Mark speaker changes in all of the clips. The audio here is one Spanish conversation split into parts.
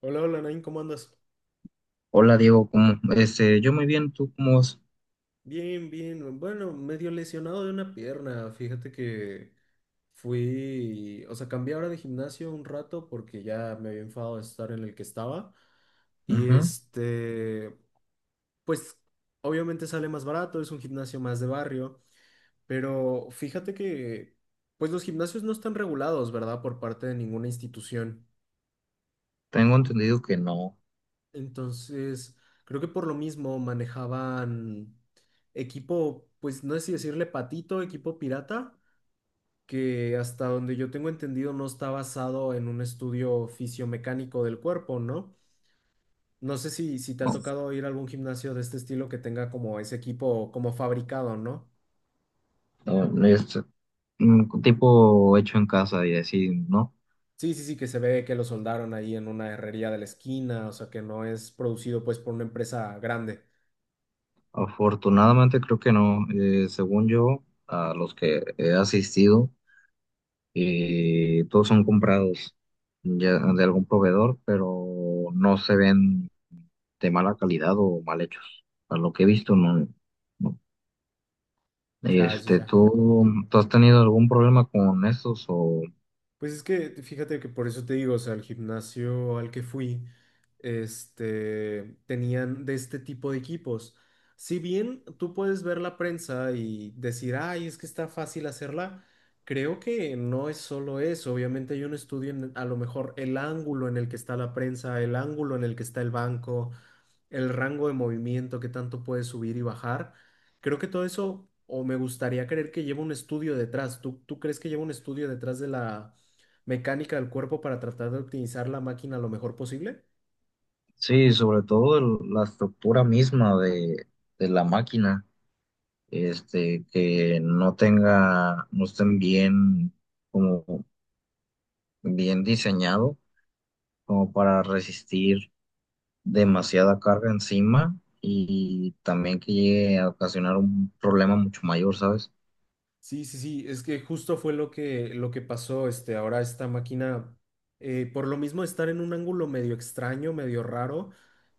Speaker 1: Hola, hola, Nain, ¿cómo andas?
Speaker 2: Hola Diego, ¿cómo? Yo muy bien, ¿tú cómo vas?
Speaker 1: Bien, bien. Bueno, medio lesionado de una pierna. Fíjate que fui, o sea, cambié ahora de gimnasio un rato porque ya me había enfadado de estar en el que estaba. Y
Speaker 2: Ujú.
Speaker 1: pues obviamente sale más barato, es un gimnasio más de barrio, pero fíjate que, pues los gimnasios no están regulados, ¿verdad? Por parte de ninguna institución.
Speaker 2: Tengo entendido que no,
Speaker 1: Entonces, creo que por lo mismo manejaban equipo, pues no sé si decirle patito, equipo pirata, que hasta donde yo tengo entendido no está basado en un estudio fisiomecánico del cuerpo, ¿no? No sé si, te ha tocado ir a algún gimnasio de este estilo que tenga como ese equipo como fabricado, ¿no?
Speaker 2: no es tipo hecho en casa y así, ¿no?
Speaker 1: Sí, sí, sí, que se ve que lo soldaron ahí en una herrería de la esquina, o sea, que no es producido pues por una empresa grande.
Speaker 2: Afortunadamente creo que no. Según yo, a los que he asistido, todos son comprados ya de algún proveedor, pero no se ven de mala calidad o mal hechos. A lo que he visto, no. No.
Speaker 1: Ya, ya, ya.
Speaker 2: ¿Tú, tú has tenido algún problema con estos o...?
Speaker 1: Pues es que fíjate que por eso te digo, o sea, el gimnasio al que fui, tenían de este tipo de equipos. Si bien tú puedes ver la prensa y decir, ay, es que está fácil hacerla, creo que no es solo eso. Obviamente hay un estudio en a lo mejor el ángulo en el que está la prensa, el ángulo en el que está el banco, el rango de movimiento, qué tanto puedes subir y bajar. Creo que todo eso, o me gustaría creer que lleva un estudio detrás. ¿Tú, crees que lleva un estudio detrás de la mecánica del cuerpo para tratar de optimizar la máquina lo mejor posible?
Speaker 2: Sí, sobre todo la estructura misma de la máquina, que no tenga, no estén bien, como bien diseñado, como para resistir demasiada carga encima y también que llegue a ocasionar un problema mucho mayor, ¿sabes?
Speaker 1: Sí, sí, sí, es que justo fue lo que, pasó, este, ahora esta máquina, por lo mismo de estar en un ángulo medio extraño, medio raro,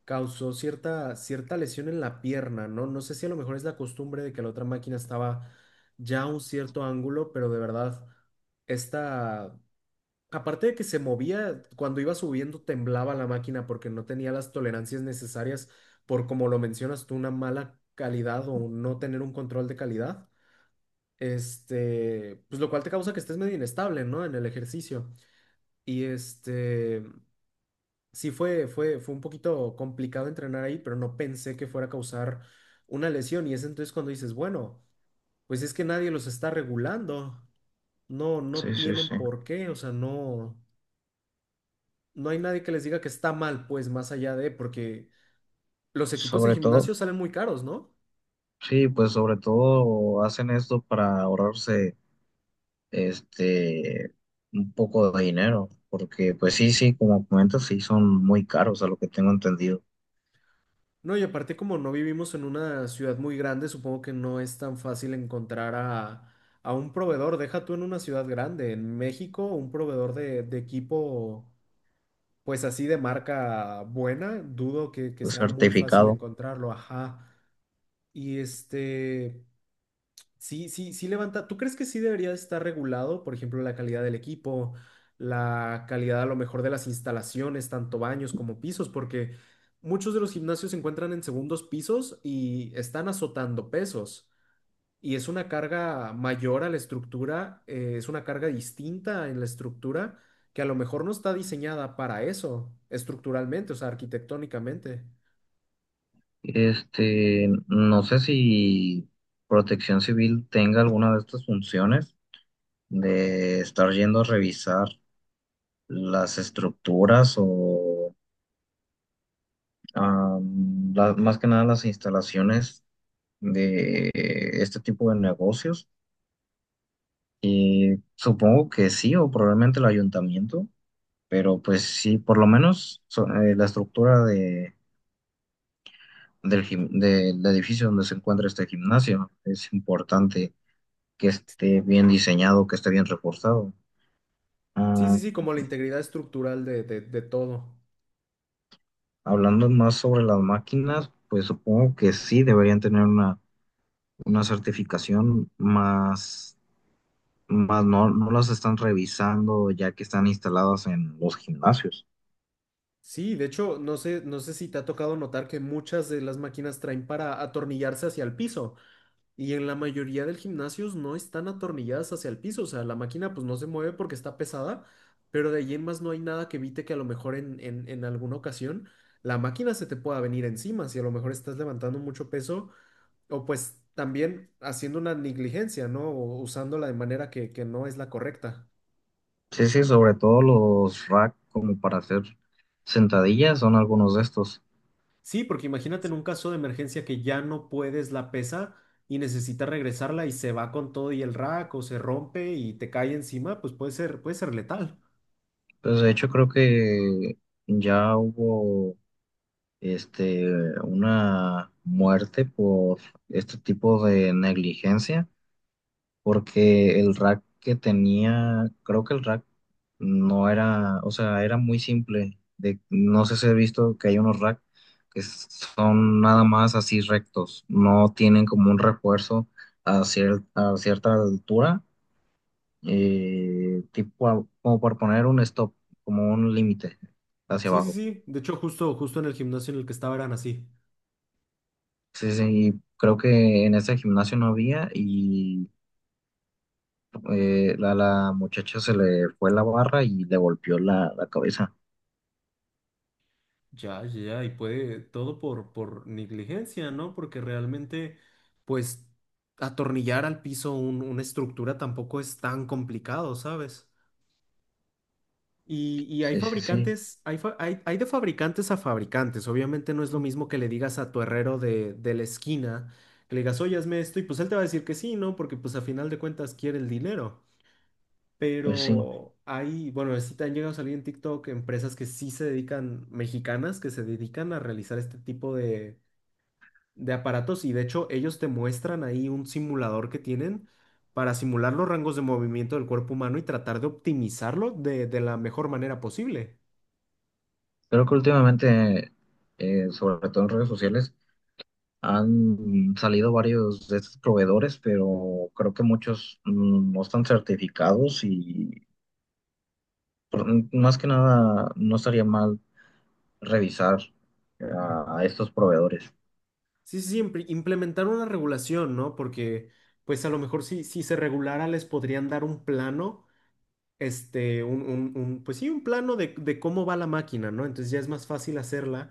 Speaker 1: causó cierta, lesión en la pierna, ¿no? No sé si a lo mejor es la costumbre de que la otra máquina estaba ya a un cierto ángulo, pero de verdad, esta, aparte de que se movía, cuando iba subiendo temblaba la máquina porque no tenía las tolerancias necesarias por, como lo mencionas tú, una mala calidad o no tener un control de calidad. Este, pues lo cual te causa que estés medio inestable, ¿no? En el ejercicio. Y sí fue, fue un poquito complicado entrenar ahí, pero no pensé que fuera a causar una lesión. Y es entonces cuando dices, bueno, pues es que nadie los está regulando. No, no
Speaker 2: Sí, sí,
Speaker 1: tienen
Speaker 2: sí.
Speaker 1: por qué, o sea, no. No hay nadie que les diga que está mal, pues más allá de, porque los equipos de
Speaker 2: Sobre todo,
Speaker 1: gimnasio salen muy caros, ¿no?
Speaker 2: sí, pues sobre todo hacen esto para ahorrarse este, un poco de dinero, porque pues sí, sí, como comentas, sí son muy caros a lo que tengo entendido.
Speaker 1: No, y aparte como no vivimos en una ciudad muy grande, supongo que no es tan fácil encontrar a un proveedor. Deja tú en una ciudad grande, en México, un proveedor de, equipo, pues así de marca buena, dudo que,
Speaker 2: El
Speaker 1: sea muy fácil
Speaker 2: certificado,
Speaker 1: encontrarlo, ajá. Y sí, sí, sí levanta. ¿Tú crees que sí debería estar regulado, por ejemplo, la calidad del equipo, la calidad a lo mejor de las instalaciones, tanto baños como pisos? Porque muchos de los gimnasios se encuentran en segundos pisos y están azotando pesos. Y es una carga mayor a la estructura, es una carga distinta en la estructura que a lo mejor no está diseñada para eso, estructuralmente, o sea, arquitectónicamente.
Speaker 2: no sé si Protección Civil tenga alguna de estas funciones de estar yendo a revisar las estructuras o más que nada las instalaciones de este tipo de negocios. Y supongo que sí, o probablemente el ayuntamiento. Pero pues sí, por lo menos la estructura del edificio donde se encuentra este gimnasio es importante que esté bien diseñado, que esté bien reforzado.
Speaker 1: Sí, sí,
Speaker 2: Ah,
Speaker 1: sí, como la integridad estructural de, de todo.
Speaker 2: Hablando más sobre las máquinas, pues supongo que sí deberían tener una certificación más, más no, no las están revisando ya que están instaladas en los gimnasios.
Speaker 1: Sí, de hecho, no sé, si te ha tocado notar que muchas de las máquinas traen para atornillarse hacia el piso y en la mayoría del gimnasios no están atornilladas hacia el piso, o sea, la máquina pues no se mueve porque está pesada, pero de ahí en más no hay nada que evite que a lo mejor en, en alguna ocasión la máquina se te pueda venir encima, si a lo mejor estás levantando mucho peso o pues también haciendo una negligencia, ¿no? O usándola de manera que, no es la correcta.
Speaker 2: Sí, sí, sobre todo los rack como para hacer sentadillas son algunos de estos.
Speaker 1: Sí, porque imagínate en un caso de emergencia que ya no puedes la pesa y necesitas regresarla y se va con todo y el rack o se rompe y te cae encima, pues puede ser, letal.
Speaker 2: Pues de hecho creo que ya hubo este una muerte por este tipo de negligencia, porque el rack que tenía, creo que el rack no era, o sea, era muy simple. De, no sé si he visto que hay unos rack que son nada más así rectos, no tienen como un refuerzo a cierta altura, tipo como por poner un stop, como un límite hacia
Speaker 1: Sí, sí,
Speaker 2: abajo.
Speaker 1: sí. De hecho, justo, en el gimnasio en el que estaba eran así.
Speaker 2: Sí, sí, creo que en ese gimnasio no había y la muchacha se le fue la barra y le golpeó la cabeza.
Speaker 1: Ya, ya, ya, y puede todo por, negligencia, ¿no? Porque realmente, pues, atornillar al piso una estructura tampoco es tan complicado, ¿sabes? Y, hay
Speaker 2: Sí, sí, sí,
Speaker 1: fabricantes, hay, de fabricantes a fabricantes. Obviamente no es lo mismo que le digas a tu herrero de, la esquina, que le digas, oye, hazme esto, y pues él te va a decir que sí, ¿no? Porque pues a final de cuentas quiere el dinero.
Speaker 2: pues sí.
Speaker 1: Pero hay, bueno, sí te han llegado a salir en TikTok empresas que sí se dedican, mexicanas, que se dedican a realizar este tipo de, aparatos, y de hecho ellos te muestran ahí un simulador que tienen para simular los rangos de movimiento del cuerpo humano y tratar de optimizarlo de la mejor manera posible.
Speaker 2: Creo que últimamente, sobre todo en redes sociales, han salido varios de estos proveedores, pero creo que muchos no están certificados y por- más que nada no estaría mal revisar a estos proveedores.
Speaker 1: Sí, sí, sí, implementar una regulación, ¿no? Porque, pues a lo mejor si, se regulara les podrían dar un plano, este, pues sí, un plano de, cómo va la máquina, ¿no? Entonces ya es más fácil hacerla.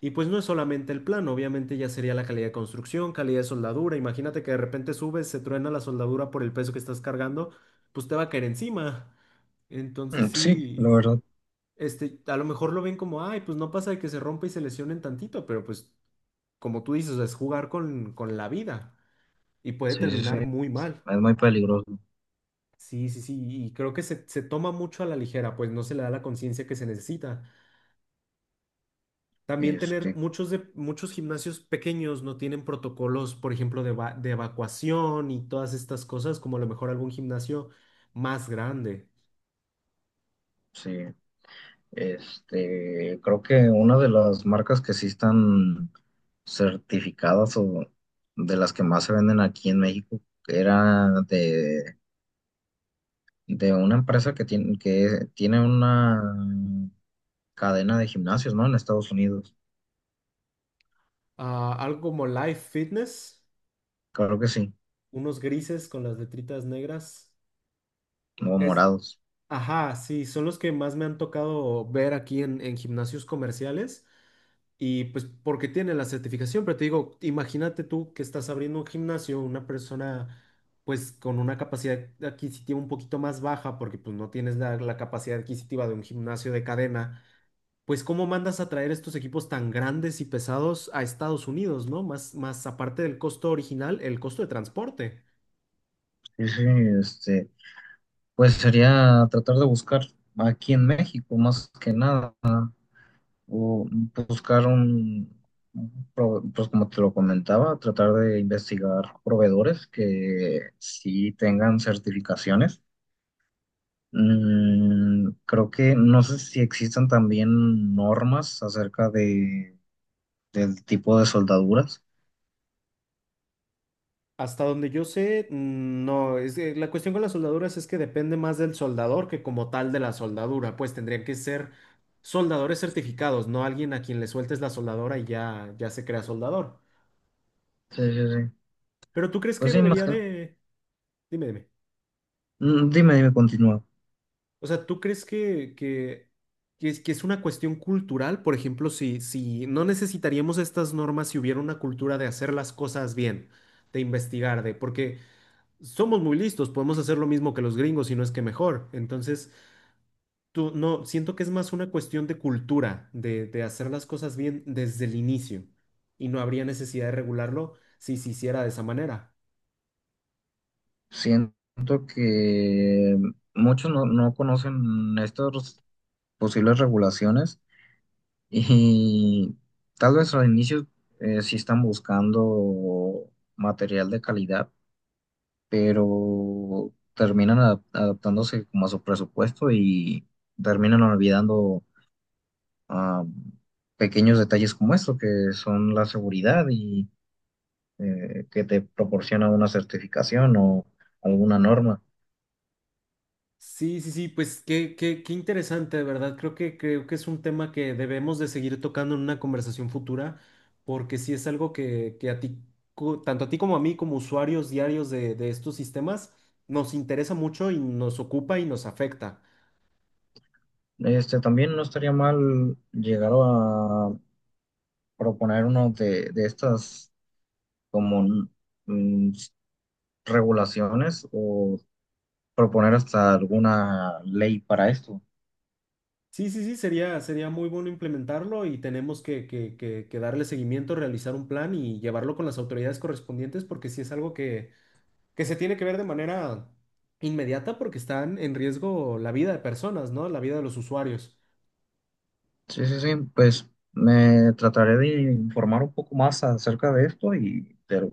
Speaker 1: Y pues no es solamente el plano, obviamente ya sería la calidad de construcción, calidad de soldadura. Imagínate que de repente subes, se truena la soldadura por el peso que estás cargando, pues te va a caer encima. Entonces
Speaker 2: Sí, la
Speaker 1: sí,
Speaker 2: verdad.
Speaker 1: a lo mejor lo ven como, ay, pues no pasa de que se rompa y se lesionen tantito, pero pues como tú dices, es jugar con, la vida y puede
Speaker 2: Sí, sí, sí.
Speaker 1: terminar muy mal.
Speaker 2: Es muy peligroso.
Speaker 1: Sí, sí, sí, y creo que se, toma mucho a la ligera, pues no se le da la conciencia que se necesita. También tener
Speaker 2: Este,
Speaker 1: muchos, muchos gimnasios pequeños no tienen protocolos, por ejemplo, de, de evacuación y todas estas cosas, como a lo mejor algún gimnasio más grande.
Speaker 2: sí. Creo que una de las marcas que sí están certificadas o de las que más se venden aquí en México era de una empresa que tiene una cadena de gimnasios, ¿no? En Estados Unidos.
Speaker 1: Ah, algo como Life Fitness,
Speaker 2: Creo que sí.
Speaker 1: unos grises con las letritas negras.
Speaker 2: O
Speaker 1: Es,
Speaker 2: morados.
Speaker 1: ajá, sí, son los que más me han tocado ver aquí en gimnasios comerciales. Y pues porque tiene la certificación, pero te digo, imagínate tú que estás abriendo un gimnasio, una persona pues con una capacidad adquisitiva un poquito más baja, porque pues no tienes la, capacidad adquisitiva de un gimnasio de cadena, pues cómo mandas a traer estos equipos tan grandes y pesados a Estados Unidos, ¿no? Más, aparte del costo original, el costo de transporte.
Speaker 2: Sí, sí, este. Pues sería tratar de buscar aquí en México, más que nada, o buscar un, pues como te lo comentaba, tratar de investigar proveedores que sí tengan certificaciones. Mm, creo que no sé si existan también normas acerca del tipo de soldaduras.
Speaker 1: Hasta donde yo sé, no, es que la cuestión con las soldaduras es que depende más del soldador que como tal de la soldadura, pues tendrían que ser soldadores certificados, no alguien a quien le sueltes la soldadora y ya, se crea soldador.
Speaker 2: Sí, sí, sí.
Speaker 1: Pero tú crees
Speaker 2: Pues
Speaker 1: que
Speaker 2: sí, más
Speaker 1: debería
Speaker 2: que...
Speaker 1: de... Dime, dime.
Speaker 2: Mm, dime, dime, continúa.
Speaker 1: O sea, ¿tú crees que, que es, que es una cuestión cultural? Por ejemplo, si, no necesitaríamos estas normas si hubiera una cultura de hacer las cosas bien, de investigar, de... Porque somos muy listos, podemos hacer lo mismo que los gringos, y no es que mejor. Entonces... Tú, no, siento que es más una cuestión de cultura, de, hacer las cosas bien desde el inicio. Y no habría necesidad de regularlo si se hiciera de esa manera.
Speaker 2: Siento que muchos no, no conocen estos posibles regulaciones y tal vez al inicio, sí están buscando material de calidad, pero terminan adaptándose como a su presupuesto y terminan olvidando, ah, pequeños detalles como esto, que son la seguridad y que te proporciona una certificación o alguna norma.
Speaker 1: Sí, sí, sí, pues qué, qué interesante, de verdad. Creo que, es un tema que debemos de seguir tocando en una conversación futura, porque sí es algo que, a ti, tanto a ti como a mí, como usuarios diarios de, estos sistemas, nos interesa mucho y nos ocupa y nos afecta.
Speaker 2: También no estaría mal llegar a proponer uno de estas como mm, regulaciones o proponer hasta alguna ley para esto.
Speaker 1: Sí, sí, sí, sería, muy bueno implementarlo, y tenemos que, que darle seguimiento, realizar un plan y llevarlo con las autoridades correspondientes porque sí es algo que, se tiene que ver de manera inmediata porque están en riesgo la vida de personas, ¿no? La vida de los usuarios.
Speaker 2: Sí, sí, sí, pues me trataré de informar un poco más acerca de esto y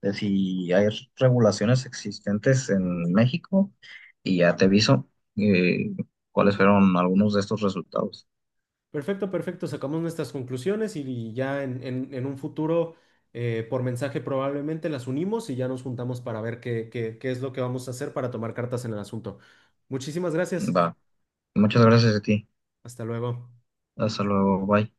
Speaker 2: de si hay regulaciones existentes en México y ya te aviso, eh, cuáles fueron algunos de estos resultados.
Speaker 1: Perfecto, perfecto, sacamos nuestras conclusiones y, ya en, un futuro por mensaje probablemente las unimos y ya nos juntamos para ver qué, qué es lo que vamos a hacer para tomar cartas en el asunto. Muchísimas gracias.
Speaker 2: Va, muchas gracias a ti.
Speaker 1: Hasta luego.
Speaker 2: Hasta luego, bye.